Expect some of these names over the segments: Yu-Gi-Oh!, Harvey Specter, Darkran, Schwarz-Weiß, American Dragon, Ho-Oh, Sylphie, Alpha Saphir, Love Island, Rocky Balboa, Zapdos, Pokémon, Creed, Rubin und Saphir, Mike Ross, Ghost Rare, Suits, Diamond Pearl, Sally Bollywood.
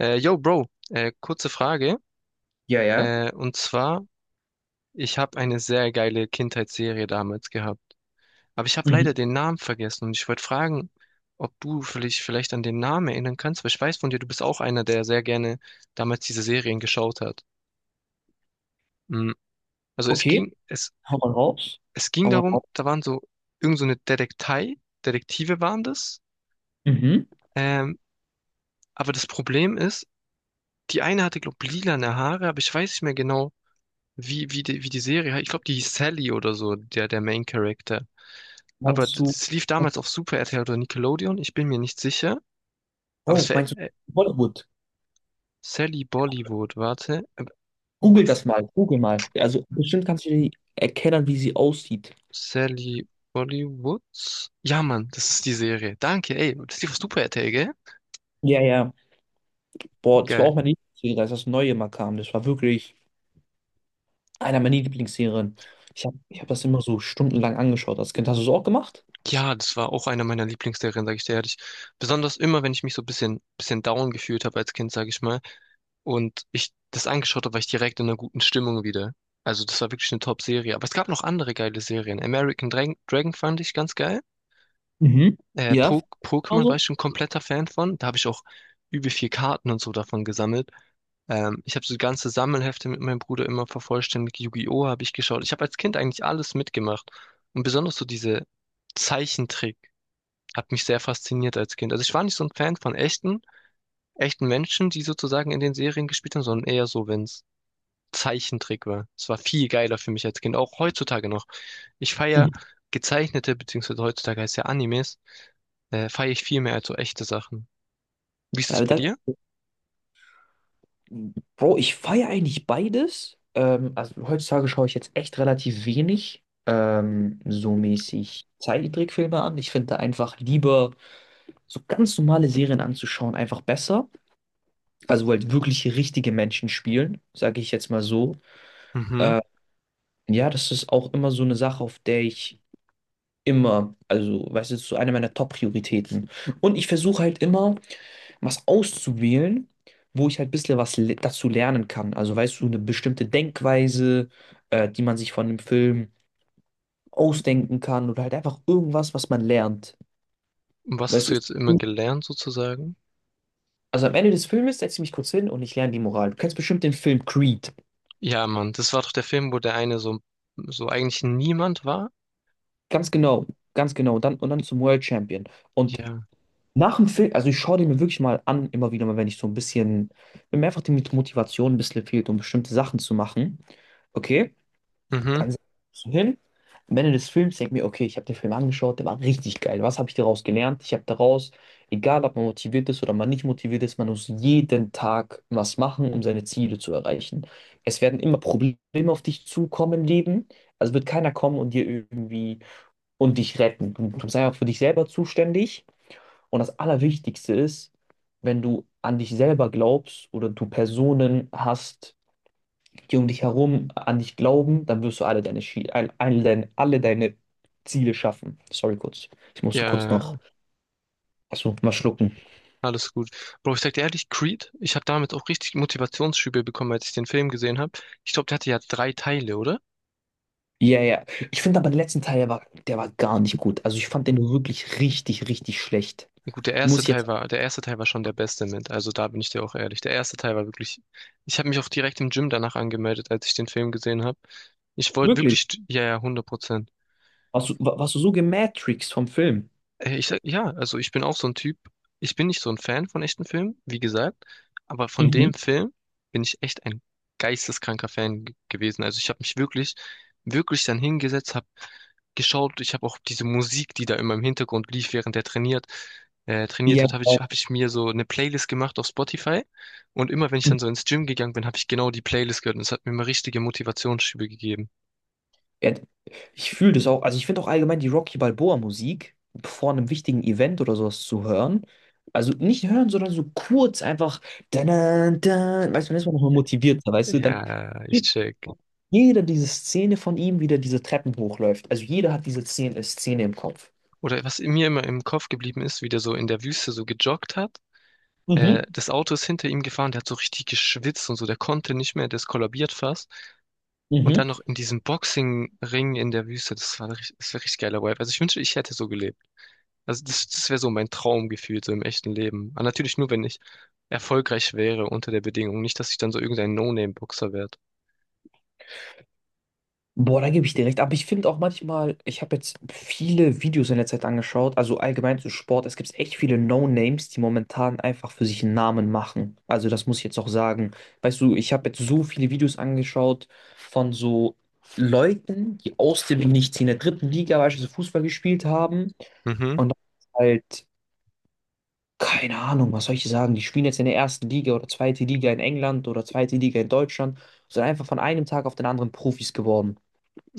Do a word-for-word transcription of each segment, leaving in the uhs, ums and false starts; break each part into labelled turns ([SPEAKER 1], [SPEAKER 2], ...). [SPEAKER 1] Äh, yo, Bro, äh, kurze Frage.
[SPEAKER 2] Ja, ja.
[SPEAKER 1] Äh, und zwar, ich habe eine sehr geile Kindheitsserie damals gehabt. Aber ich habe
[SPEAKER 2] Mhm.
[SPEAKER 1] leider den Namen vergessen und ich wollte fragen, ob du vielleicht, vielleicht an den Namen erinnern kannst, weil ich weiß von dir, du bist auch einer, der sehr gerne damals diese Serien geschaut hat. Mm, Also es
[SPEAKER 2] Okay,
[SPEAKER 1] ging, es,
[SPEAKER 2] hau mal raus.
[SPEAKER 1] es ging
[SPEAKER 2] Hau mal
[SPEAKER 1] darum,
[SPEAKER 2] raus.
[SPEAKER 1] da waren so irgend so eine Detektei, Detektive waren das.
[SPEAKER 2] Mhm.
[SPEAKER 1] Ähm, aber das Problem ist, die eine hatte, glaube ich, lilane Haare, aber ich weiß nicht mehr genau, wie, wie die, wie die Serie, ich glaube, die hieß Sally oder so, der, der Main Character. Aber
[SPEAKER 2] Meinst
[SPEAKER 1] d-
[SPEAKER 2] du,
[SPEAKER 1] das lief damals auf Super R T L oder Nickelodeon, ich bin mir nicht sicher. Aber es
[SPEAKER 2] Bro,
[SPEAKER 1] wäre
[SPEAKER 2] meinst du Bollywood?
[SPEAKER 1] Sally Bollywood, warte. Ähm,
[SPEAKER 2] Google das mal, Google mal. also, Bestimmt kannst du dir erkennen, wie sie aussieht.
[SPEAKER 1] Sally Bollywood? Ja, Mann, das ist die Serie. Danke, ey, das lief auf Super R T L, gell?
[SPEAKER 2] Ja, ja. Boah, das war auch
[SPEAKER 1] Geil.
[SPEAKER 2] meine Lieblingsserie, als das Neue mal kam. Das war wirklich einer meiner Lieblingsserien. Ich habe ich hab das immer so stundenlang angeschaut als Kind. Hast du es auch gemacht?
[SPEAKER 1] Ja, das war auch einer meiner Lieblingsserien, sage ich dir ehrlich. Besonders immer, wenn ich mich so ein bisschen, bisschen down gefühlt habe als Kind, sage ich mal, und ich das angeschaut habe, war ich direkt in einer guten Stimmung wieder. Also das war wirklich eine Top-Serie. Aber es gab noch andere geile Serien. American Dragon, Dragon fand ich ganz geil.
[SPEAKER 2] Mhm.
[SPEAKER 1] Äh,
[SPEAKER 2] Ja,
[SPEAKER 1] po Pokémon war
[SPEAKER 2] also.
[SPEAKER 1] ich schon kompletter Fan von. Da habe ich auch übel viel Karten und so davon gesammelt. Ähm, ich habe so ganze Sammelhefte mit meinem Bruder immer vervollständigt. Yu-Gi-Oh! Habe ich geschaut. Ich habe als Kind eigentlich alles mitgemacht. Und besonders so diese Zeichentrick hat mich sehr fasziniert als Kind. Also ich war nicht so ein Fan von echten, echten Menschen, die sozusagen in den Serien gespielt haben, sondern eher so, wenn's Zeichentrick war. Es war viel geiler für mich als Kind, auch heutzutage noch. Ich
[SPEAKER 2] Mhm.
[SPEAKER 1] feiere gezeichnete, beziehungsweise heutzutage heißt ja Animes, äh, feiere ich viel mehr als so echte Sachen. Wie ist
[SPEAKER 2] Ja,
[SPEAKER 1] es
[SPEAKER 2] aber
[SPEAKER 1] bei
[SPEAKER 2] danke.
[SPEAKER 1] dir?
[SPEAKER 2] Bro, ich feiere eigentlich beides. Ähm, also heutzutage schaue ich jetzt echt relativ wenig ähm, so mäßig Zeichentrickfilme an. Ich finde da einfach lieber so ganz normale Serien anzuschauen, einfach besser. Also wo halt wirklich richtige Menschen spielen, sage ich jetzt mal so.
[SPEAKER 1] Mhm.
[SPEAKER 2] Äh, ja, das ist auch immer so eine Sache, auf der ich immer, also weißt du, das ist so eine meiner Top-Prioritäten. Und ich versuche halt immer was auszuwählen, wo ich halt ein bisschen was le dazu lernen kann. Also weißt du, eine bestimmte Denkweise, äh, die man sich von dem Film ausdenken kann oder halt einfach irgendwas, was man lernt.
[SPEAKER 1] Und was hast
[SPEAKER 2] Weißt du,
[SPEAKER 1] du
[SPEAKER 2] ist-
[SPEAKER 1] jetzt immer gelernt sozusagen?
[SPEAKER 2] also am Ende des Filmes setze ich mich kurz hin und ich lerne die Moral. Du kennst bestimmt den Film Creed.
[SPEAKER 1] Ja, Mann, das war doch der Film, wo der eine so, so eigentlich niemand war.
[SPEAKER 2] Ganz genau, ganz genau. Und dann, und dann zum World Champion. Und
[SPEAKER 1] Ja.
[SPEAKER 2] nach dem Film, also ich schaue den mir wirklich mal an, immer wieder mal, wenn ich so ein bisschen, wenn mir einfach die Motivation ein bisschen fehlt, um bestimmte Sachen zu machen. Okay.
[SPEAKER 1] Mhm.
[SPEAKER 2] Dann setze ich mich so hin. Am Ende des Films denke ich mir, okay, ich habe den Film angeschaut, der war richtig geil. Was habe ich daraus gelernt? Ich habe daraus, egal ob man motiviert ist oder man nicht motiviert ist, man muss jeden Tag was machen, um seine Ziele zu erreichen. Es werden immer Probleme auf dich zukommen im Leben. Also wird keiner kommen und dir irgendwie und dich retten. Du, du sei auch für dich selber zuständig. Und das Allerwichtigste ist, wenn du an dich selber glaubst oder du Personen hast, die um dich herum an dich glauben, dann wirst du alle deine, Schi- all- all deine, alle deine Ziele schaffen. Sorry kurz. Ich musste kurz
[SPEAKER 1] Ja,
[SPEAKER 2] noch, Achso, mal schlucken.
[SPEAKER 1] alles gut. Bro, ich sag dir ehrlich, Creed, ich habe damit auch richtig Motivationsschübe bekommen, als ich den Film gesehen habe. Ich glaube, der hatte ja drei Teile, oder?
[SPEAKER 2] Ja, ja. Ich finde aber den letzten Teil, der war, der war gar nicht gut. Also ich fand den wirklich richtig, richtig schlecht.
[SPEAKER 1] Gut, der
[SPEAKER 2] Muss
[SPEAKER 1] erste
[SPEAKER 2] ich jetzt.
[SPEAKER 1] Teil war, der erste Teil war schon der beste mit. Also da bin ich dir auch ehrlich. Der erste Teil war wirklich. Ich habe mich auch direkt im Gym danach angemeldet, als ich den Film gesehen habe. Ich wollte wirklich,
[SPEAKER 2] Wirklich?
[SPEAKER 1] st- ja, ja, hundert Prozent.
[SPEAKER 2] Warst du, wa- warst du so gematrixed vom Film?
[SPEAKER 1] Äh, Ich sag, ja, also ich bin auch so ein Typ. Ich bin nicht so ein Fan von echten Filmen, wie gesagt, aber von
[SPEAKER 2] Mhm.
[SPEAKER 1] dem Film bin ich echt ein geisteskranker Fan ge- gewesen. Also ich habe mich wirklich, wirklich dann hingesetzt, habe geschaut. Ich habe auch diese Musik, die da immer im Hintergrund lief, während er trainiert, äh, trainiert
[SPEAKER 2] Ja,
[SPEAKER 1] hat, habe ich,
[SPEAKER 2] genau.
[SPEAKER 1] habe ich mir so eine Playlist gemacht auf Spotify. Und immer wenn ich dann so ins Gym gegangen bin, habe ich genau die Playlist gehört. Und es hat mir immer richtige Motivationsschübe gegeben.
[SPEAKER 2] Ja, ich fühle das auch. Also ich finde auch allgemein die Rocky Balboa Musik vor einem wichtigen Event oder sowas zu hören. Also nicht hören, sondern so kurz einfach. Dann, dann, dann, weißt du, dann ist man nochmal motivierter, weißt du? Dann
[SPEAKER 1] Ja, ich
[SPEAKER 2] geht
[SPEAKER 1] check.
[SPEAKER 2] jeder diese Szene von ihm, wie der diese Treppen hochläuft. Also jeder hat diese Szene, Szene im Kopf.
[SPEAKER 1] Oder was mir immer im Kopf geblieben ist, wie der so in der Wüste so gejoggt hat. Äh,
[SPEAKER 2] Mhm.
[SPEAKER 1] das Auto ist hinter ihm gefahren, der hat so richtig geschwitzt und so, der konnte nicht mehr, der ist kollabiert fast. Und
[SPEAKER 2] Mhm.
[SPEAKER 1] dann noch in diesem Boxing-Ring in der Wüste, das war, richtig- das war richtig geiler Vibe. Also ich wünschte, ich hätte so gelebt. Also das, das wäre so mein Traumgefühl, so im echten Leben. Aber natürlich nur, wenn ich erfolgreich wäre unter der Bedingung. Nicht, dass ich dann so irgendein No-Name-Boxer werde.
[SPEAKER 2] Boah, da gebe ich dir recht. Aber ich finde auch manchmal, ich habe jetzt viele Videos in der Zeit angeschaut, also allgemein zu Sport. Es gibt echt viele No-Names, die momentan einfach für sich einen Namen machen. Also das muss ich jetzt auch sagen. Weißt du, ich habe jetzt so viele Videos angeschaut von so Leuten, die aus dem Nichts in der dritten Liga beispielsweise Fußball gespielt haben
[SPEAKER 1] Mhm,
[SPEAKER 2] und dann halt, keine Ahnung, was soll ich sagen, die spielen jetzt in der ersten Liga oder zweite Liga in England oder zweite Liga in Deutschland, sind einfach von einem Tag auf den anderen Profis geworden.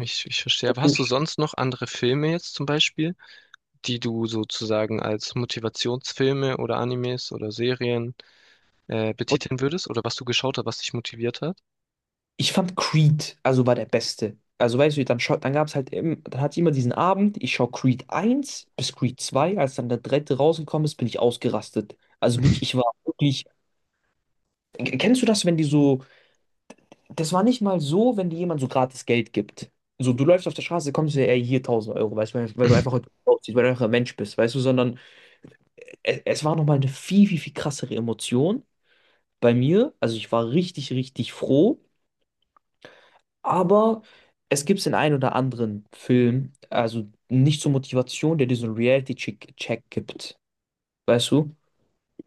[SPEAKER 1] ich, ich verstehe. Aber hast du sonst noch andere Filme jetzt zum Beispiel, die du sozusagen als Motivationsfilme oder Animes oder Serien äh, betiteln würdest oder was du geschaut hast, was dich motiviert hat?
[SPEAKER 2] Ich fand Creed, also war der Beste. Also weißt du, dann, schau- dann gab es halt eben, dann hatte ich immer diesen Abend, ich schaue Creed eins bis Creed zwei, als dann der dritte rausgekommen ist, bin ich ausgerastet. Also wirklich, ich war wirklich, K- kennst du das, wenn die so, das war nicht mal so, wenn dir jemand so gratis Geld gibt. So, du läufst auf der Straße, kommst du ey, hier tausend Euro, weißt du, weil, weil du einfach heute gut aussiehst, weil du einfach ein Mensch bist, weißt du, sondern es, es war nochmal eine viel, viel, viel krassere Emotion bei mir. Also ich war richtig, richtig froh. Aber es gibt den einen oder anderen Film, also nicht zur Motivation, der dir so einen Reality-Check gibt. Weißt du?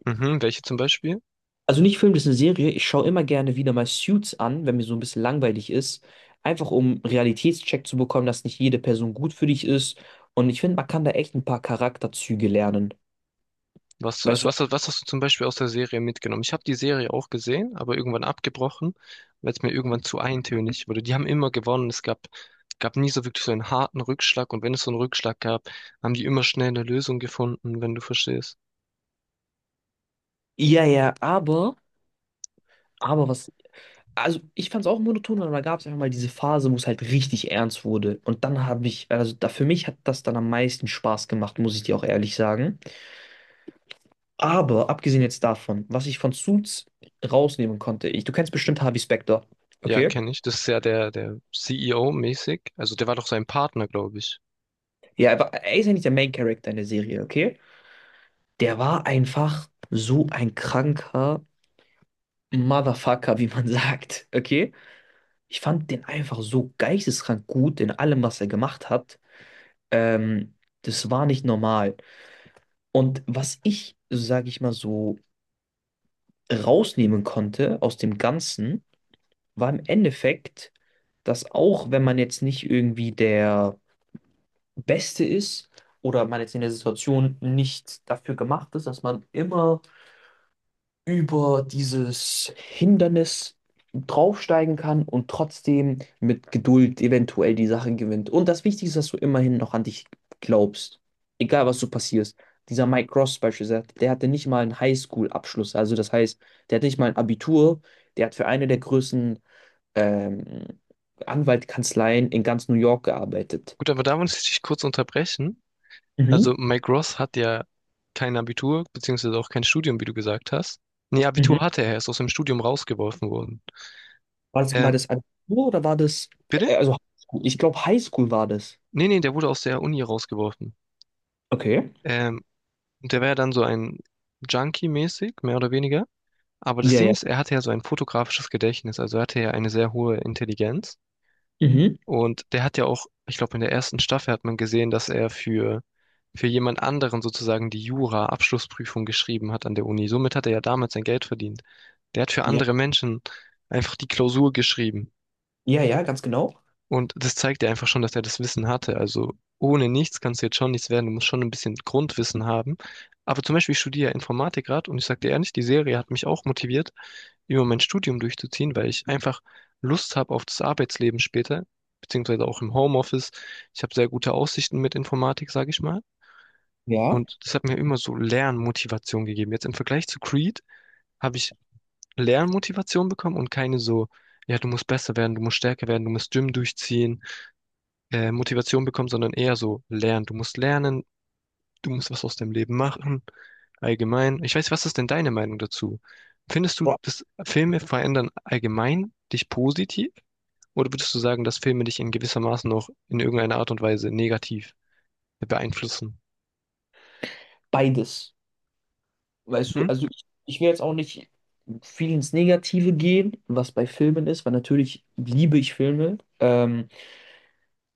[SPEAKER 1] Mhm, welche zum Beispiel?
[SPEAKER 2] Also nicht Film, das ist eine Serie. Ich schaue immer gerne wieder mal Suits an, wenn mir so ein bisschen langweilig ist. Einfach um Realitätscheck zu bekommen, dass nicht jede Person gut für dich ist. Und ich finde, man kann da echt ein paar Charakterzüge lernen.
[SPEAKER 1] Was,
[SPEAKER 2] Weißt
[SPEAKER 1] also
[SPEAKER 2] du?
[SPEAKER 1] was, was hast du zum Beispiel aus der Serie mitgenommen? Ich habe die Serie auch gesehen, aber irgendwann abgebrochen, weil es mir irgendwann zu eintönig wurde. Die haben immer gewonnen. Es gab, gab nie so wirklich so einen harten Rückschlag. Und wenn es so einen Rückschlag gab, haben die immer schnell eine Lösung gefunden, wenn du verstehst.
[SPEAKER 2] Ja, ja, aber, aber was Also ich fand es auch monoton, aber da gab es einfach mal diese Phase, wo es halt richtig ernst wurde. Und dann habe ich, also da, für mich hat das dann am meisten Spaß gemacht, muss ich dir auch ehrlich sagen. Aber abgesehen jetzt davon, was ich von Suits rausnehmen konnte, ich, du kennst bestimmt Harvey Specter,
[SPEAKER 1] Ja,
[SPEAKER 2] okay?
[SPEAKER 1] kenne ich. Das ist ja der, der C E O-mäßig. Also der war doch sein Partner, glaube ich.
[SPEAKER 2] Ja, aber er ist ja nicht der Main Character in der Serie, okay? Der war einfach so ein kranker Motherfucker, wie man sagt, okay? Ich fand den einfach so geisteskrank gut in allem, was er gemacht hat. Ähm, Das war nicht normal. Und was ich, sage ich mal so, rausnehmen konnte aus dem Ganzen, war im Endeffekt, dass auch wenn man jetzt nicht irgendwie der Beste ist oder man jetzt in der Situation nicht dafür gemacht ist, dass man immer über dieses Hindernis draufsteigen kann und trotzdem mit Geduld eventuell die Sache gewinnt. Und das Wichtigste ist, dass du immerhin noch an dich glaubst. Egal, was du passierst. Dieser Mike Ross beispielsweise, der hatte nicht mal einen Highschool-Abschluss. Also das heißt, der hatte nicht mal ein Abitur. Der hat für eine der größten ähm, Anwaltkanzleien in ganz New York gearbeitet.
[SPEAKER 1] Gut, aber da muss ich dich kurz unterbrechen.
[SPEAKER 2] Mhm.
[SPEAKER 1] Also Mike Ross hat ja kein Abitur, beziehungsweise auch kein Studium, wie du gesagt hast. Nee,
[SPEAKER 2] Mhm.
[SPEAKER 1] Abitur hatte er, er ist aus dem Studium rausgeworfen worden.
[SPEAKER 2] War das,
[SPEAKER 1] Ähm,
[SPEAKER 2] war das Abitur oder war das,
[SPEAKER 1] bitte?
[SPEAKER 2] äh, also Highschool? Ich glaube, Highschool war das.
[SPEAKER 1] Nee, nee, der wurde aus der Uni rausgeworfen.
[SPEAKER 2] Okay.
[SPEAKER 1] Ähm, und der war ja dann so ein Junkie-mäßig, mehr oder weniger. Aber das
[SPEAKER 2] Ja,
[SPEAKER 1] Ding
[SPEAKER 2] ja.
[SPEAKER 1] ist, er hatte ja so ein fotografisches Gedächtnis, also er hatte ja eine sehr hohe Intelligenz.
[SPEAKER 2] Mhm.
[SPEAKER 1] Und der hat ja auch, ich glaube, in der ersten Staffel hat man gesehen, dass er für, für jemand anderen sozusagen die Jura-Abschlussprüfung geschrieben hat an der Uni. Somit hat er ja damals sein Geld verdient. Der hat für
[SPEAKER 2] Ja,
[SPEAKER 1] andere Menschen einfach die Klausur geschrieben.
[SPEAKER 2] ja, ja, ganz genau.
[SPEAKER 1] Und das zeigt ja einfach schon, dass er das Wissen hatte. Also ohne nichts kannst du jetzt schon nichts werden. Du musst schon ein bisschen Grundwissen haben. Aber zum Beispiel, ich studiere ja Informatik gerade und ich sage dir ehrlich, die Serie hat mich auch motiviert, über mein Studium durchzuziehen, weil ich einfach Lust habe auf das Arbeitsleben später, beziehungsweise auch im Homeoffice. Ich habe sehr gute Aussichten mit Informatik, sage ich mal.
[SPEAKER 2] Ja.
[SPEAKER 1] Und das hat mir immer so Lernmotivation gegeben. Jetzt im Vergleich zu Creed habe ich Lernmotivation bekommen und keine so, ja, du musst besser werden, du musst stärker werden, du musst Gym durchziehen äh, Motivation bekommen, sondern eher so lernen. Du musst lernen, du musst was aus deinem Leben machen, allgemein. Ich weiß, was ist denn deine Meinung dazu? Findest du,
[SPEAKER 2] Boah,
[SPEAKER 1] dass Filme verändern allgemein dich positiv? Oder würdest du sagen, dass Filme dich in gewisser Maßen noch in irgendeiner Art und Weise negativ beeinflussen?
[SPEAKER 2] beides. Weißt du,
[SPEAKER 1] Mhm.
[SPEAKER 2] also ich, ich will jetzt auch nicht viel ins Negative gehen, was bei Filmen ist, weil natürlich liebe ich Filme. Ähm,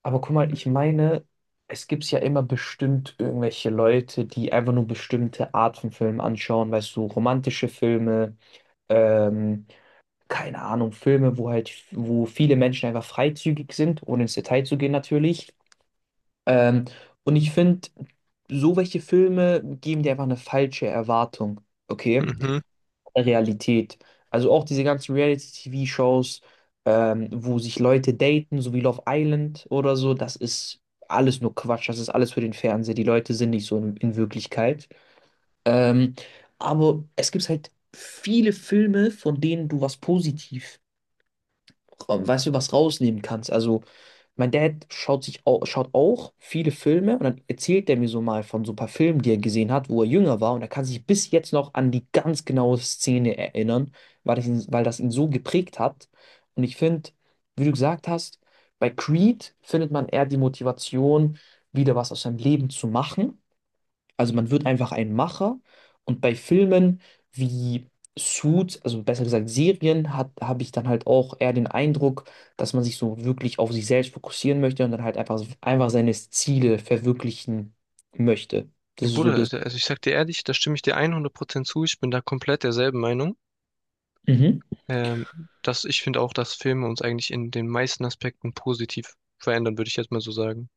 [SPEAKER 2] Aber guck mal, ich meine, es gibt ja immer bestimmt irgendwelche Leute, die einfach nur bestimmte Art von Filmen anschauen, weißt du, romantische Filme, ähm, keine Ahnung, Filme, wo halt, wo viele Menschen einfach freizügig sind, ohne ins Detail zu gehen natürlich. Ähm, und ich finde, so welche Filme geben dir einfach eine falsche Erwartung, okay,
[SPEAKER 1] Mhm.
[SPEAKER 2] der Realität. Also auch diese ganzen Reality-T V-Shows, ähm, wo sich Leute daten, so wie Love Island oder so, das ist alles nur Quatsch, das ist alles für den Fernseher. Die Leute sind nicht so in, in Wirklichkeit. Ähm, aber es gibt halt viele Filme, von denen du was positiv ra- weißt du, was rausnehmen kannst. Also, mein Dad schaut sich auch, schaut auch viele Filme und dann erzählt er mir so mal von so ein paar Filmen, die er gesehen hat, wo er jünger war und er kann sich bis jetzt noch an die ganz genaue Szene erinnern, weil das ihn, weil das ihn so geprägt hat. Und ich finde, wie du gesagt hast, bei Creed findet man eher die Motivation, wieder was aus seinem Leben zu machen. Also man wird einfach ein Macher und bei Filmen wie Suits, also besser gesagt Serien, hat, habe ich dann halt auch eher den Eindruck, dass man sich so wirklich auf sich selbst fokussieren möchte und dann halt einfach, einfach seine Ziele verwirklichen möchte. Das
[SPEAKER 1] Ja,
[SPEAKER 2] ist so
[SPEAKER 1] Bruder,
[SPEAKER 2] das.
[SPEAKER 1] also also ich sag dir ehrlich, da stimme ich dir hundert Prozent zu. Ich bin da komplett derselben Meinung.
[SPEAKER 2] Mhm.
[SPEAKER 1] Ähm, dass ich finde auch, dass Filme uns eigentlich in den meisten Aspekten positiv verändern, würde ich jetzt mal so sagen.